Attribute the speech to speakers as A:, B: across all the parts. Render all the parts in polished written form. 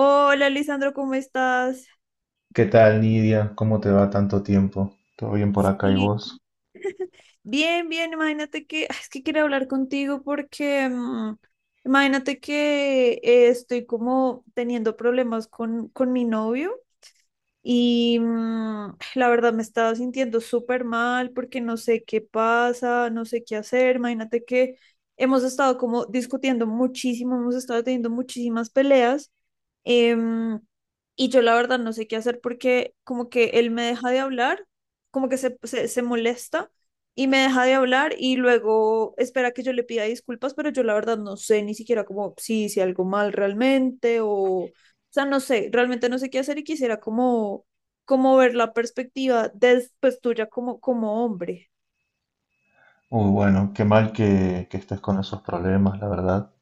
A: Hola, Lisandro, ¿cómo estás?
B: ¿Qué tal, Nidia? ¿Cómo te va tanto tiempo? ¿Todo bien por acá y
A: Sí.
B: vos?
A: Bien, bien, imagínate que, es que quiero hablar contigo porque, imagínate que estoy como teniendo problemas con mi novio. Y la verdad me estaba sintiendo súper mal porque no sé qué pasa, no sé qué hacer. Imagínate que hemos estado como discutiendo muchísimo, hemos estado teniendo muchísimas peleas. em, y yo la verdad no sé qué hacer porque como que él me deja de hablar, como que se molesta y me deja de hablar y luego espera que yo le pida disculpas, pero yo la verdad no sé ni siquiera como si hice algo mal realmente o sea, no sé, realmente no sé qué hacer y quisiera como, como ver la perspectiva después pues, tuya como, como hombre.
B: Uy, bueno, qué mal que estés con esos problemas, la verdad.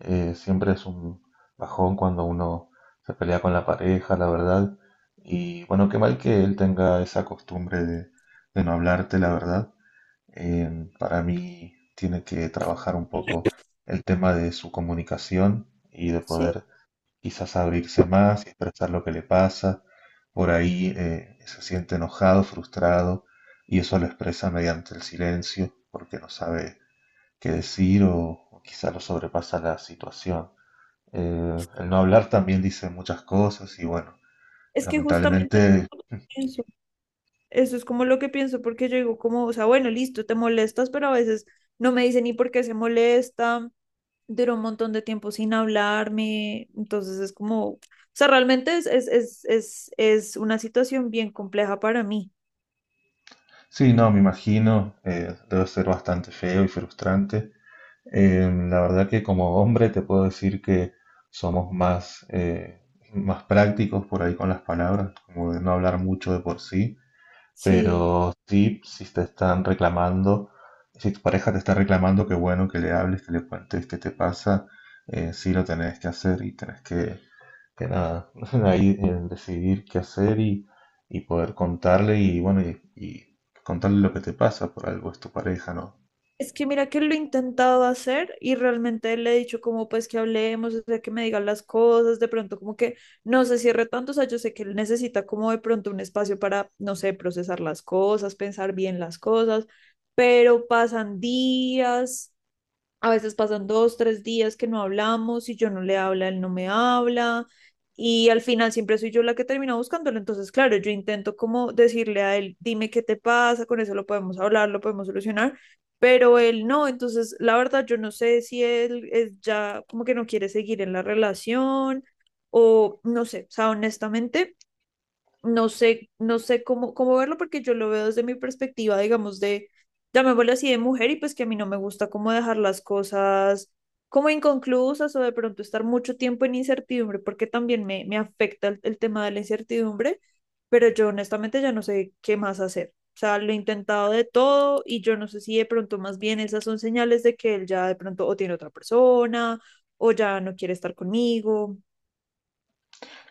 B: Siempre es un bajón cuando uno se pelea con la pareja, la verdad. Y bueno, qué mal que él tenga esa costumbre de no hablarte, la verdad. Para mí tiene que trabajar un poco el tema de su comunicación y de
A: Sí,
B: poder quizás abrirse más y expresar lo que le pasa. Por ahí se siente enojado, frustrado, y eso lo expresa mediante el silencio, porque no sabe qué decir o quizás lo sobrepasa la situación. El no hablar también dice muchas cosas y bueno,
A: es que justamente
B: lamentablemente,
A: eso pienso. Eso es como lo que pienso, porque yo digo como, o sea, bueno, listo, te molestas, pero a veces no me dice ni por qué se molesta, duró un montón de tiempo sin hablarme, entonces es como, o sea, realmente es una situación bien compleja para mí.
B: sí, no, me imagino, debe ser bastante feo y frustrante. La verdad que como hombre te puedo decir que somos más, más prácticos por ahí con las palabras, como de no hablar mucho de por sí,
A: Sí.
B: pero sí, si te están reclamando, si tu pareja te está reclamando, qué bueno que le hables, que le cuentes qué te pasa, sí lo tenés que hacer y tenés que nada, ahí decidir qué hacer y poder contarle y bueno, y contarle lo que te pasa, por algo es tu pareja, ¿no?
A: Es que mira que lo he intentado hacer y realmente le he dicho como pues que hablemos, o sea, que me digan las cosas, de pronto como que no se cierre tanto, o sea, yo sé que él necesita como de pronto un espacio para, no sé, procesar las cosas, pensar bien las cosas, pero pasan días a veces pasan dos, tres días que no hablamos y yo no le habla, él no me habla. Y al final siempre soy yo la que termina buscándolo. Entonces, claro, yo intento como decirle a él, dime qué te pasa, con eso lo podemos hablar, lo podemos solucionar, pero él no. Entonces, la verdad, yo no sé si él es ya como que no quiere seguir en la relación o no sé, o sea, honestamente no sé, no sé cómo, cómo verlo porque yo lo veo desde mi perspectiva, digamos, de, llamémoslo así, de mujer y pues que a mí no me gusta cómo dejar las cosas como inconclusas o de pronto estar mucho tiempo en incertidumbre porque también me afecta el tema de la incertidumbre, pero yo honestamente ya no sé qué más hacer. O sea, lo he intentado de todo y yo no sé si de pronto más bien esas son señales de que él ya de pronto o tiene otra persona o ya no quiere estar conmigo.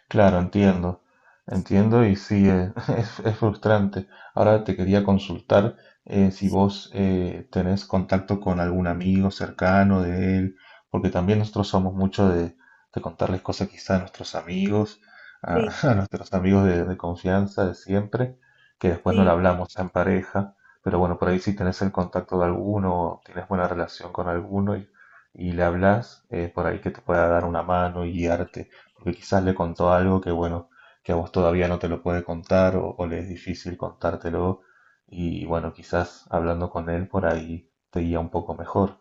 B: Claro, entiendo, entiendo y sí, es frustrante. Ahora te quería consultar si vos tenés contacto con algún amigo cercano de él, porque también nosotros somos mucho de contarles cosas quizá a nuestros amigos, a,
A: Sí,
B: a nuestros amigos de confianza de siempre, que después no le
A: sí.
B: hablamos en pareja, pero bueno, por ahí si tenés el contacto de alguno, tienes buena relación con alguno y le hablas, por ahí que te pueda dar una mano y guiarte porque quizás le contó algo que, bueno, que a vos todavía no te lo puede contar o le es difícil contártelo y, bueno, quizás hablando con él por ahí te guía un poco mejor.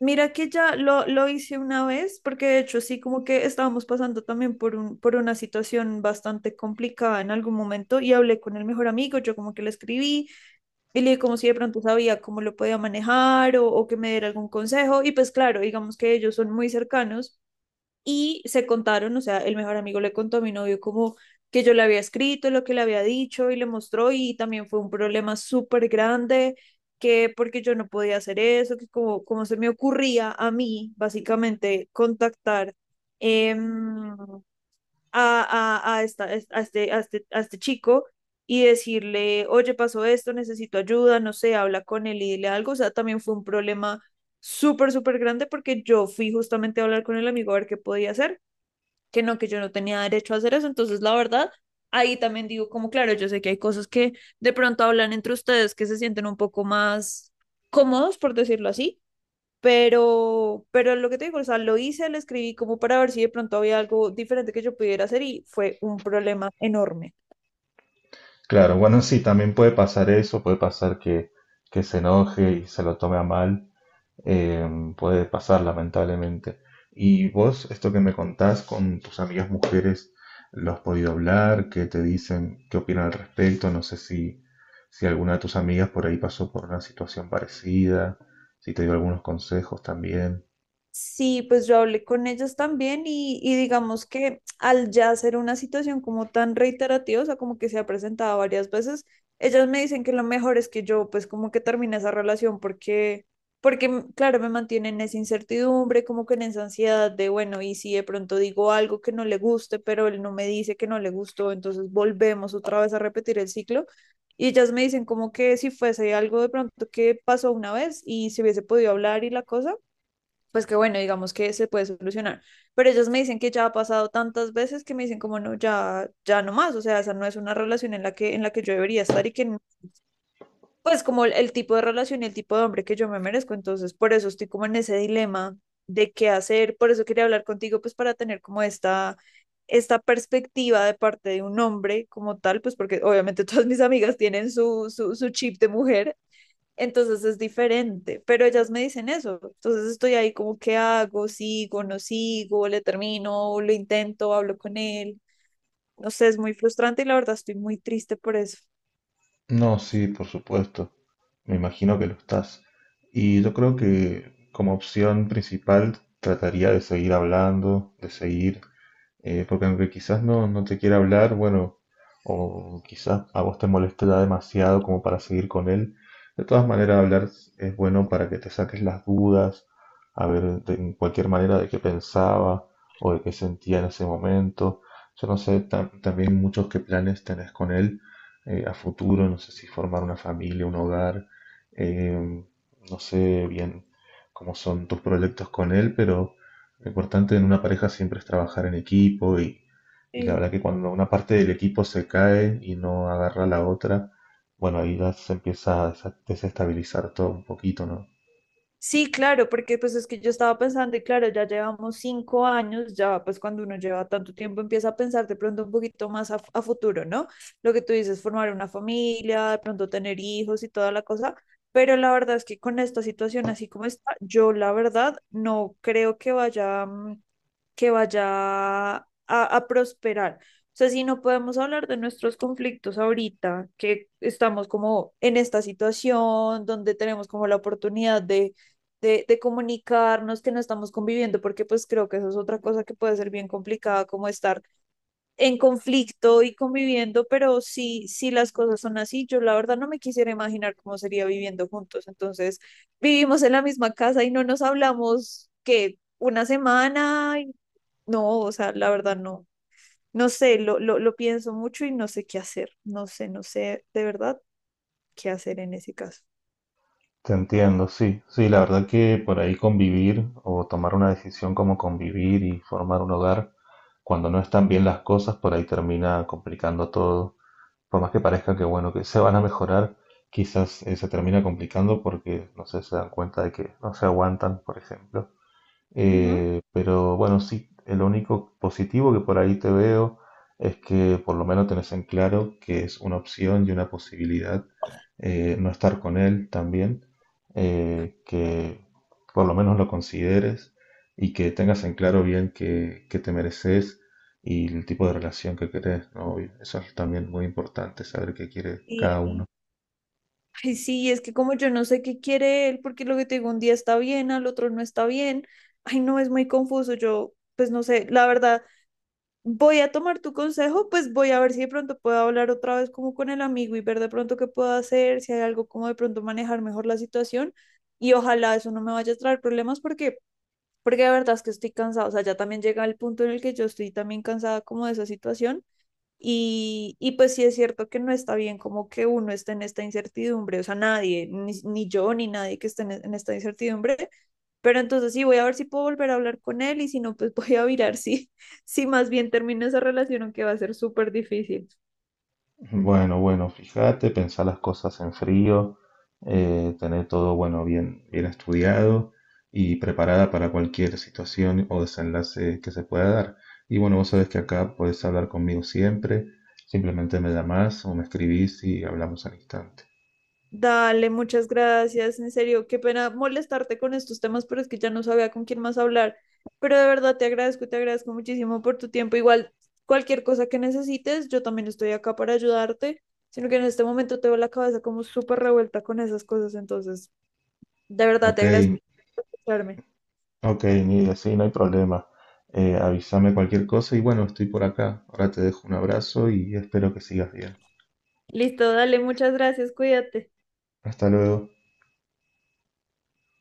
A: Mira que ya lo hice una vez, porque de hecho sí, como que estábamos pasando también por un, por una situación bastante complicada en algún momento y hablé con el mejor amigo, yo como que le escribí y le dije como si de pronto sabía cómo lo podía manejar o que me diera algún consejo y pues claro, digamos que ellos son muy cercanos y se contaron, o sea, el mejor amigo le contó a mi novio como que yo le había escrito, lo que le había dicho y le mostró y también fue un problema súper grande, que porque yo no podía hacer eso, que como, como se me ocurría a mí, básicamente, contactar em, a, a, esta, a, este, a, este, a este chico y decirle, oye, pasó esto, necesito ayuda, no sé, habla con él y dile algo, o sea, también fue un problema súper, súper grande porque yo fui justamente a hablar con el amigo a ver qué podía hacer que no, que yo no tenía derecho a hacer eso. Entonces, la verdad, ahí también digo como, claro, yo sé que hay cosas que de pronto hablan entre ustedes que se sienten un poco más cómodos, por decirlo así, pero lo que te digo, o sea, lo hice, lo escribí como para ver si de pronto había algo diferente que yo pudiera hacer y fue un problema enorme.
B: Claro, bueno, sí, también puede pasar eso, puede pasar que se enoje y se lo tome a mal, eh, puede pasar lamentablemente. ¿Y vos, esto que me contás con tus amigas mujeres, lo has podido hablar? ¿Qué te dicen? ¿Qué opinan al respecto? No sé si, si alguna de tus amigas por ahí pasó por una situación parecida, si te dio algunos consejos también.
A: Sí, pues yo hablé con ellas también y digamos que al ya ser una situación como tan reiterativa, o sea, como que se ha presentado varias veces, ellas me dicen que lo mejor es que yo pues como que termine esa relación porque, porque claro, me mantienen en esa incertidumbre, como que en esa ansiedad de, bueno, y si de pronto digo algo que no le guste, pero él no me dice que no le gustó, entonces volvemos otra vez a repetir el ciclo. Y ellas me dicen como que si fuese algo de pronto que pasó una vez y se hubiese podido hablar y la cosa pues que bueno, digamos que se puede solucionar. Pero ellas me dicen que ya ha pasado tantas veces que me dicen como no, ya, ya no más, o sea, esa no es una relación en la que yo debería estar y que, pues como el tipo de relación y el tipo de hombre que yo me merezco, entonces por eso estoy como en ese dilema de qué hacer, por eso quería hablar contigo, pues para tener como esta perspectiva de parte de un hombre como tal, pues porque obviamente todas mis amigas tienen su chip de mujer, entonces es diferente, pero ellas me dicen eso, entonces estoy ahí como, ¿qué hago? ¿Sigo? ¿No sigo? ¿Le termino? ¿Lo intento? ¿Hablo con él? No sé, es muy frustrante y la verdad estoy muy triste por eso.
B: No, sí, por supuesto. Me imagino que lo estás. Y yo creo que como opción principal trataría de seguir hablando, de seguir. Porque aunque quizás no, no te quiera hablar, bueno, o quizás a vos te moleste demasiado como para seguir con él, de todas maneras hablar es bueno para que te saques las dudas, a ver de en cualquier manera de qué pensaba o de qué sentía en ese momento. Yo no sé también muchos qué planes tenés con él a futuro, no sé si formar una familia, un hogar, eh, no sé bien cómo son tus proyectos con él, pero lo importante en una pareja siempre es trabajar en equipo y la
A: Sí.
B: verdad que cuando una parte del equipo se cae y no agarra la otra, bueno, ahí ya se empieza a desestabilizar todo un poquito, ¿no?
A: Sí, claro, porque pues es que yo estaba pensando y claro, ya llevamos 5 años, ya pues cuando uno lleva tanto tiempo empieza a pensar de pronto un poquito más a futuro, ¿no? Lo que tú dices, formar una familia, de pronto tener hijos y toda la cosa, pero la verdad es que con esta situación así como está, yo la verdad no creo que vaya, que vaya a prosperar. O sea, si no podemos hablar de nuestros conflictos ahorita, que estamos como en esta situación donde tenemos como la oportunidad de de comunicarnos que no estamos conviviendo, porque pues creo que eso es otra cosa que puede ser bien complicada, como estar en conflicto y conviviendo, pero sí, sí las cosas son así, yo la verdad no me quisiera imaginar cómo sería viviendo juntos. Entonces, vivimos en la misma casa y no nos hablamos que una semana, y no, o sea, la verdad no. No sé, lo pienso mucho y no sé qué hacer. No sé, no sé de verdad qué hacer en ese caso.
B: Te entiendo, sí, sí, la verdad que por ahí convivir o tomar una decisión como convivir y formar un hogar, cuando no están bien las cosas, por ahí termina complicando todo. Por más que parezca que bueno, que se van a mejorar, quizás se termina complicando porque no sé, se dan cuenta de que no se aguantan, por ejemplo.
A: Ujú.
B: Pero bueno, sí, lo único positivo que por ahí te veo es que por lo menos tenés en claro que es una opción y una posibilidad no estar con él también, que por lo menos lo consideres y que tengas en claro bien que te mereces y el tipo de relación que querés, ¿no? Y eso es también muy importante, saber qué quiere cada uno.
A: Ay, sí, es que como yo no sé qué quiere él, porque lo que te digo, un día está bien, al otro no está bien. Ay, no, es muy confuso. Yo, pues no sé, la verdad, voy a tomar tu consejo, pues voy a ver si de pronto puedo hablar otra vez como con el amigo y ver de pronto qué puedo hacer, si hay algo como de pronto manejar mejor la situación. Y ojalá eso no me vaya a traer problemas porque, porque de verdad es que estoy cansada. O sea, ya también llega el punto en el que yo estoy también cansada como de esa situación y pues sí es cierto que no está bien como que uno esté en esta incertidumbre, o sea, nadie, ni yo, ni nadie que esté en esta incertidumbre, pero entonces sí voy a ver si puedo volver a hablar con él y si no, pues voy a mirar si, si más bien termino esa relación, aunque va a ser súper difícil.
B: Bueno, bueno, fíjate, pensar las cosas en frío, tener todo, bueno, bien, bien estudiado y preparada para cualquier situación o desenlace que se pueda dar. Y bueno, vos sabés que acá podés hablar conmigo siempre, simplemente me llamás o me escribís y hablamos al instante.
A: Dale, muchas gracias. En serio, qué pena molestarte con estos temas, pero es que ya no sabía con quién más hablar. Pero de verdad te agradezco muchísimo por tu tiempo. Igual, cualquier cosa que necesites, yo también estoy acá para ayudarte, sino que en este momento tengo la cabeza como súper revuelta con esas cosas. Entonces, de verdad
B: Ok,
A: te agradezco por escucharme.
B: ok, Nidia, sí, no hay problema. Avísame cualquier cosa y bueno, estoy por acá. Ahora te dejo un abrazo y espero que sigas bien.
A: Listo, dale, muchas gracias, cuídate.
B: Hasta luego.